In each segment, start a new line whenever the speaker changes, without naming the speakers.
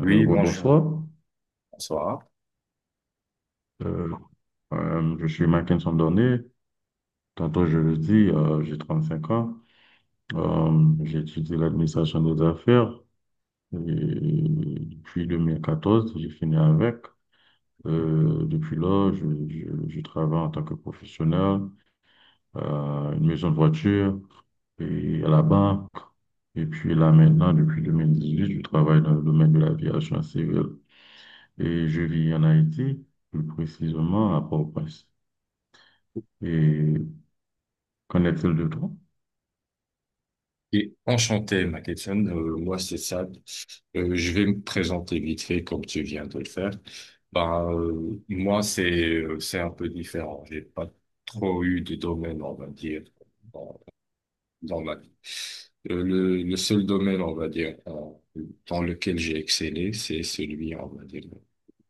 Oui, bonjour,
Rebonsoir.
bonsoir.
Euh, je suis Mackinson Dorné. Tantôt, je le dis, j'ai 5 ans. J'ai étudié l'administration des affaires. Et puis, 2014, j'ai fini avec. Depuis là, je travaille en tant que professionnel à une maison de voiture et à la banque. Et puis là, maintenant, depuis 2018, je travaille dans le domaine de l'aviation civile. Et je vis en Haïti, plus précisément à Port-au-Prince. Et qu'en est-il de toi?
Et enchanté, Mackinson. Moi, c'est Sad. Je vais me présenter vite fait comme tu viens de le faire. Moi, c'est un peu différent. J'ai pas trop eu de domaine, on va dire, dans, dans ma vie. Le seul domaine, on va dire, dans lequel j'ai excellé, c'est celui, on va dire,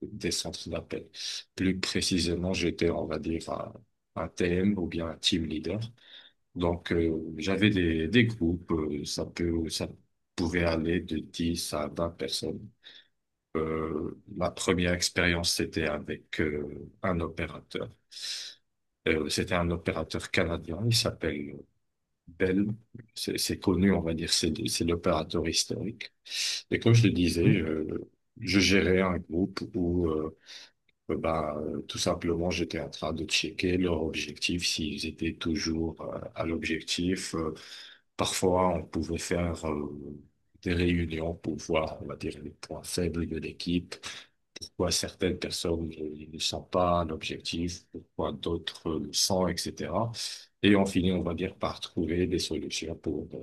des centres d'appel. Plus précisément, j'étais, on va dire, un TM ou bien un team leader. Donc, j'avais des groupes, ça pouvait aller de 10 à 20 personnes. Ma première expérience, c'était avec un opérateur. C'était un opérateur canadien, il s'appelle Bell. C'est connu, on va dire, c'est l'opérateur historique. Et comme je le disais,
Hein?
je gérais un groupe où tout simplement, j'étais en train de checker leur objectif, s'ils étaient toujours à l'objectif. Parfois, on pouvait faire des réunions pour voir, on va dire, les points faibles de l'équipe, pourquoi certaines personnes ne sont pas à l'objectif, pourquoi d'autres le sont, etc. Et on finit, on va dire, par trouver des solutions pour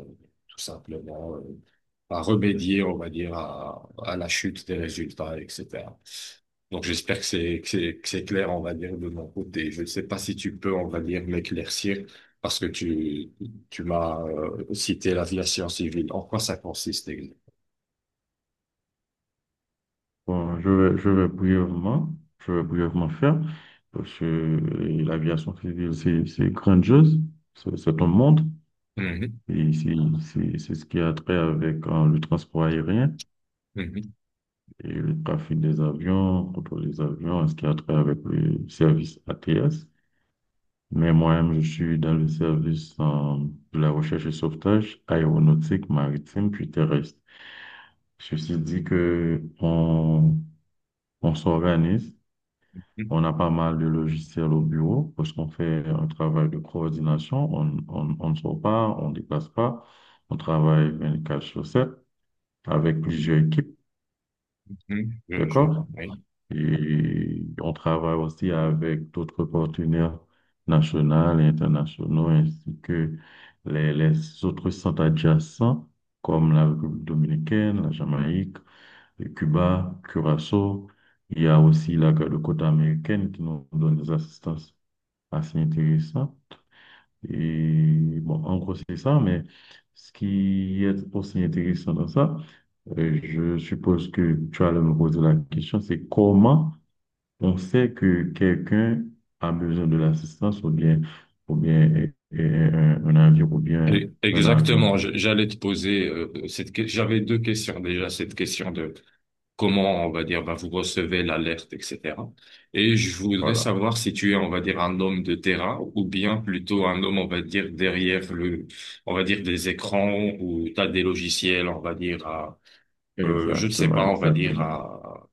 tout simplement, à remédier, on va dire, à la chute des résultats, etc. Donc j'espère que c'est clair, on va dire, de mon côté. Je ne sais pas si tu peux, on va dire, m'éclaircir parce que tu m'as cité l'aviation civile. En quoi ça consiste exactement?
Bon, je vais brièvement, faire, parce que l'aviation civile, c'est grandiose, c'est un monde,
Mhm,
et c'est ce qui a trait avec le transport aérien
mhm,
et le trafic des avions, contrôle des avions, et ce qui a trait avec le service ATS. Mais moi-même, je suis dans le service de la recherche et sauvetage aéronautique, maritime, puis terrestre. Ceci dit que on s'organise,
mhm,
on a pas mal de logiciels au bureau parce qu'on fait un travail de coordination. On ne sort pas, on ne déplace pas, on travaille 24 sur sept avec plusieurs équipes,
mhm. Je
d'accord?
vois, oui.
Et on travaille aussi avec d'autres partenaires nationaux et internationaux, ainsi que les autres centres adjacents, comme la République dominicaine, la Jamaïque, le Cuba, Curaçao. Il y a aussi la garde côte américaine qui nous donne des assistances assez intéressantes. Et bon, en gros, c'est ça, mais ce qui est aussi intéressant dans ça, euh, je suppose que tu allais me poser la question, c'est comment on sait que quelqu'un a besoin de l'assistance ou bien un avion ou bien un avion.
Exactement. J'allais te poser J'avais deux questions déjà. Cette question de comment, on va dire, bah, vous recevez l'alerte, etc. Et je voudrais
Voilà.
savoir si tu es, on va dire, un homme de terrain ou bien plutôt un homme, on va dire, derrière le, on va dire, des écrans ou t'as des logiciels, on va dire, à, je ne sais
Exactement,
pas, on va dire,
exactement.
à,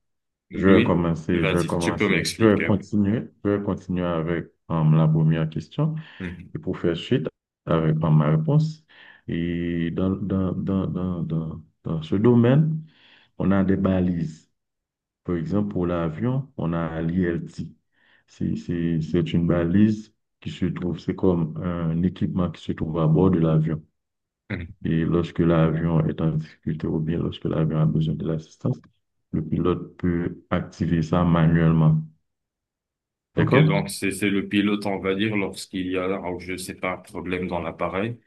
oui,
Je vais
vas-y, tu peux
commencer,
m'expliquer. Oui.
je vais continuer avec la première question
Mhm.
et pour faire suite avec ma réponse. Et dans, ce domaine, on a des balises. Par exemple, pour l'avion, on a l'ILT. C'est une balise qui se trouve, c'est comme un équipement qui se trouve à bord de l'avion.
Mhm.
Et lorsque l'avion est en difficulté ou bien lorsque l'avion a besoin de l'assistance, le pilote peut activer ça manuellement.
Ok,
D'accord?
donc c'est le pilote, on va dire, lorsqu'il y a, alors, je sais pas, un problème dans l'appareil,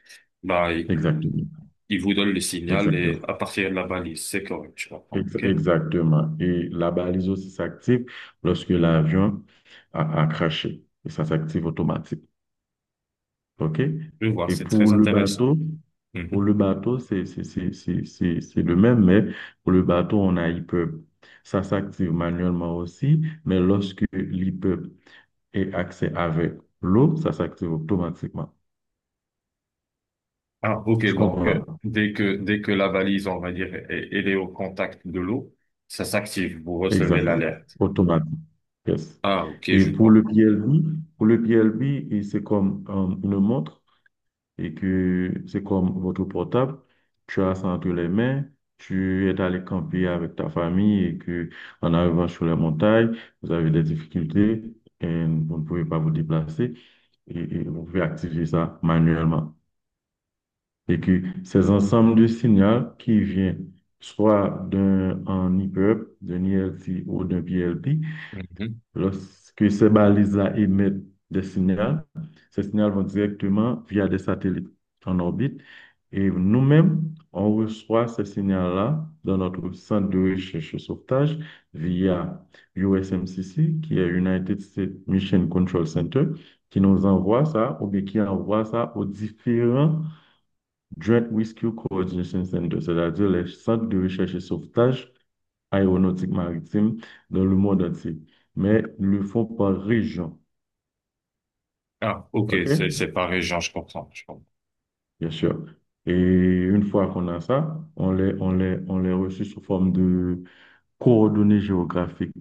bah,
Exactement.
il vous donne le signal
Exactement.
et à partir de la balise, c'est correct, je comprends, ok?
Exactement. Et la balise aussi s'active lorsque l'avion a craché. Et ça s'active automatiquement. OK?
Je vois,
Et
c'est
pour
très
le
intéressant.
bateau,
Mhm.
c'est le même, mais pour le bateau, on a e Ça s'active manuellement aussi, mais lorsque l'e est accès avec l'eau, ça s'active automatiquement.
Ah, ok,
Tu
donc
comprends?
dès que la valise, on va dire, elle est au contact de l'eau, ça s'active, vous recevez
Exactement.
l'alerte.
Automatique. Yes.
Ah, ok,
Et
je
pour le
vois.
PLB, et c'est comme une montre. Et que c'est comme votre portable, tu as ça entre les mains, tu es allé camper avec ta famille et que en arrivant sur les montagnes, vous avez des difficultés et vous ne pouvez pas vous déplacer et vous pouvez activer ça manuellement. Et que ces ensembles de signaux qui viennent soit d'un en IPUB, d'un ILT ou d'un PLT,
Mhm.
lorsque ces balises-là émettent des signaux, ces signaux vont directement via des satellites en orbite. Et nous-mêmes, on reçoit ces signaux-là dans notre centre de recherche et sauvetage via USMCC, qui est United States Mission Control Center, qui nous envoie ça, ou bien qui envoie ça aux différents Joint Rescue Coordination Centers, c'est-à-dire les centres de recherche et sauvetage aéronautique maritime dans le monde entier, mais le font par région.
Ah, ok,
OK?
c'est par région, je comprends, je comprends.
Bien sûr. Et une fois qu'on a ça, on les reçoit sous forme de coordonnées géographiques.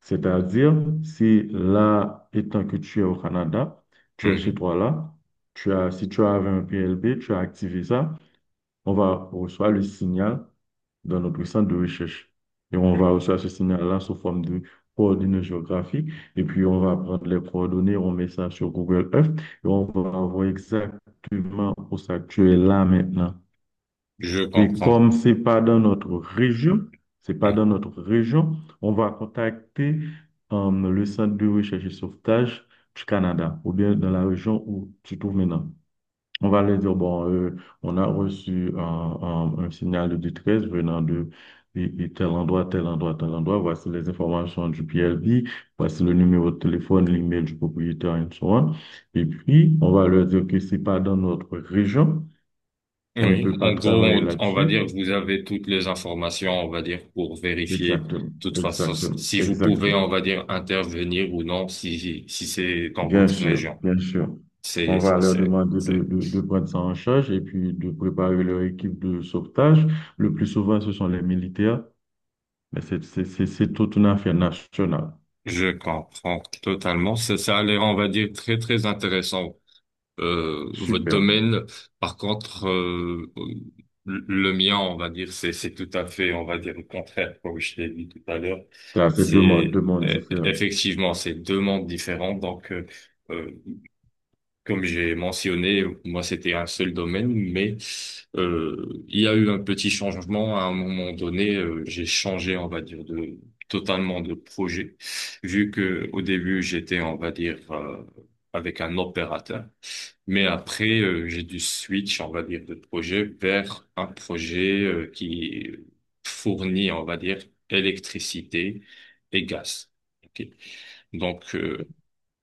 C'est-à-dire, si là, étant que tu es au Canada, tu es chez
Mhm.
toi là, tu as, si tu avais un PLB, tu as activé ça. On va recevoir le signal dans notre centre de recherche. Et on
Je
va recevoir ce signal-là sous forme de coordonnées géographiques. Et puis, on va prendre les coordonnées, on met ça sur Google Earth et on va voir exactement où ça tu es là maintenant.
je
Et
comprends.
comme c'est pas dans notre région, c'est pas dans
Mhm.
notre région, on va contacter le centre de recherche et sauvetage du Canada ou bien dans la région où tu te trouves maintenant. On va leur dire, bon, on a reçu un signal de détresse venant de et tel endroit, tel endroit, tel endroit. Voici les informations du PLV, voici le numéro de téléphone, l'email du propriétaire, et so on. Et puis, on va leur dire que c'est pas dans notre région, on ne
Oui,
peut pas
en gros,
travailler
on va
là-dessus.
dire que vous avez toutes les informations, on va dire, pour vérifier. De
Exactement,
toute façon,
exactement,
si vous pouvez,
exactement.
on va dire, intervenir ou non, si c'est dans
Bien
votre
sûr,
région.
bien sûr. On
C'est
va
c'est
leur
c'est-
demander
c'est-
de prendre ça en charge et puis de préparer leur équipe de sauvetage. Le plus souvent, ce sont les militaires. Mais c'est toute une affaire nationale.
Je comprends totalement. Ça a l'air, on va dire, très, très intéressant, votre
Super.
domaine. Par contre, le mien, on va dire, c'est tout à fait, on va dire, le contraire, comme je l'ai dit tout à l'heure.
Ça, c'est deux mondes différents.
Effectivement, c'est deux mondes différents. Donc, euh, comme j'ai mentionné, moi c'était un seul domaine, mais il y a eu un petit changement à un moment donné. J'ai changé, on va dire, de totalement de projet, vu que au début j'étais, on va dire, avec un opérateur, mais après j'ai dû switch, on va dire, de projet vers un projet qui fournit, on va dire, électricité et gaz. Ok. Donc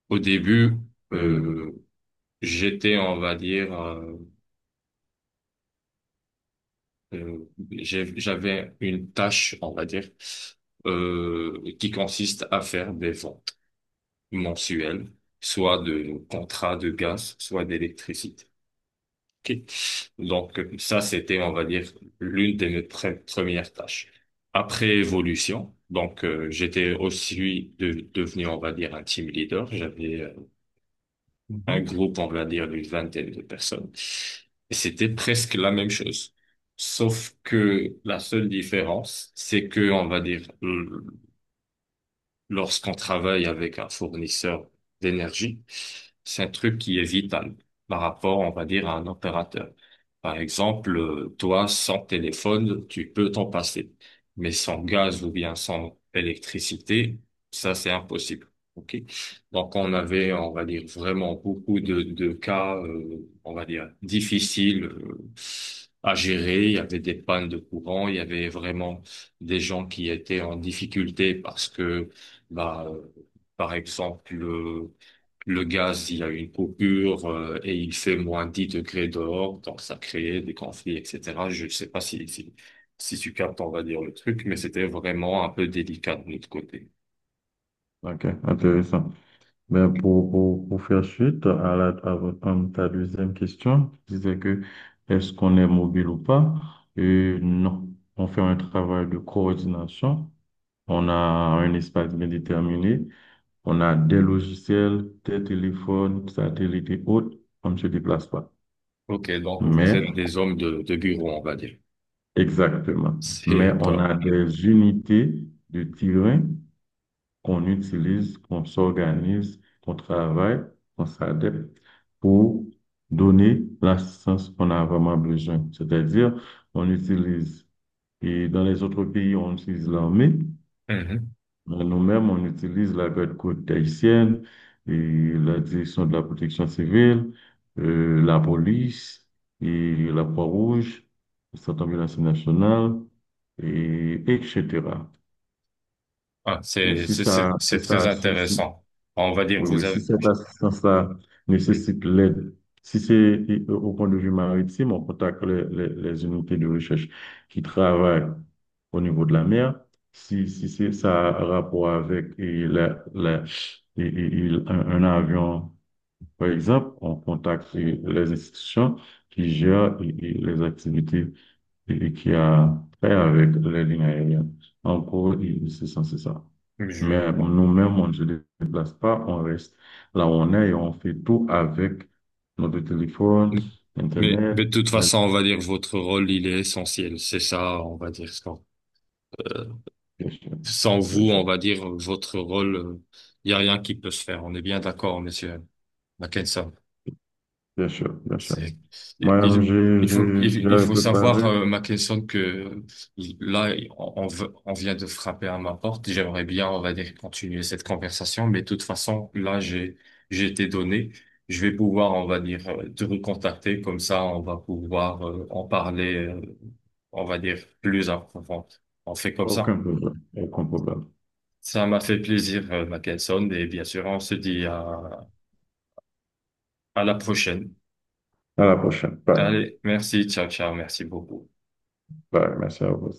au début,
Et,
euh, j'étais, on va dire, euh, j'avais une tâche, on va dire, qui consiste à faire des ventes mensuelles, soit de contrats de gaz, soit d'électricité. Ok. Donc ça, c'était, on va dire, l'une de mes premières tâches. Après évolution, donc j'étais aussi devenu, on va dire, un team leader. J'avais un
mhm.
groupe, on va dire, d'une vingtaine de personnes. Et c'était presque la même chose. Sauf que la seule différence, c'est que, on va dire, lorsqu'on travaille avec un fournisseur d'énergie, c'est un truc qui est vital par rapport, on va dire, à un opérateur. Par exemple, toi, sans téléphone, tu peux t'en passer, mais sans gaz ou bien sans électricité, ça, c'est impossible. OK? Donc, on avait, on va dire, vraiment beaucoup de cas, on va dire, difficiles, à gérer. Il y avait des pannes de courant, il y avait vraiment des gens qui étaient en difficulté parce que bah, euh, par exemple, le gaz, il y a une coupure, et il fait -10 degrés dehors, donc ça crée des conflits, etc. Je ne sais pas si tu captes, on va dire, le truc, mais c'était vraiment un peu délicat de notre côté.
OK, intéressant. Mais pour faire suite à, la, à votre- à ta deuxième question, je disais que est-ce qu'on est mobile ou pas? Et non. On fait un travail de coordination. On a un espace bien déterminé. On a des logiciels, des téléphones, satellites et autres. On ne se déplace pas.
Ok, donc vous
Mais
êtes des hommes de bureau, on va dire.
exactement. Mais
C'est
on
comme...
a des unités de terrain qu'on utilise, qu'on s'organise, qu'on travaille, qu'on s'adapte pour donner l'assistance qu'on a vraiment besoin. C'est-à-dire, on utilise, et dans les autres pays, on utilise l'armée,
Mhm.
nous-mêmes, on utilise la garde côte haïtienne et la direction de la protection civile, la police et la Croix-Rouge, le Centre ambulancier national, et, etc.
Ah,
Et si ça, si
c'est très
ça, si, si-
intéressant. On va dire,
oui,
vous
oui, si
avez,
cette assistance-là nécessite l'aide, si c'est au au point de vue maritime, on contacte les unités de recherche qui travaillent au niveau de la mer. Si, si c'est ça a rapport avec et un avion, par exemple, on contacte les institutions qui gèrent et les activités et qui a fait avec les lignes aériennes. En gros, il- c'est ça, c'est ça. Mais
bon.
nous-mêmes, on ne se déplace pas, on reste là où on est et on fait tout avec notre téléphone, Internet.
Mais de toute
Bien
façon, on va dire, votre rôle, il est essentiel. C'est ça, on va dire.
sûr,
Sans
bien
vous, on
sûr,
va dire, votre rôle, il y a rien qui peut se faire. On est bien d'accord, monsieur Mackensen.
bien sûr, bien sûr.
C'est, il,
Moi-même,
il faut, il
j'avais
faut savoir,
préparé
ma question que là, on vient de frapper à ma porte. J'aimerais bien, on va dire, continuer cette conversation, mais de toute façon, là, j'ai été donné. Je vais pouvoir, on va dire, te recontacter. Comme ça, on va pouvoir, en parler, on va dire, plus en profondeur. On fait comme ça.
aucun problème, aucun problème.
Ça m'a fait plaisir, Mackinson, et bien sûr, on se dit à la prochaine.
À la prochaine. Bye.
Allez, merci, ciao, ciao, merci beaucoup.
Bye. Merci à vous.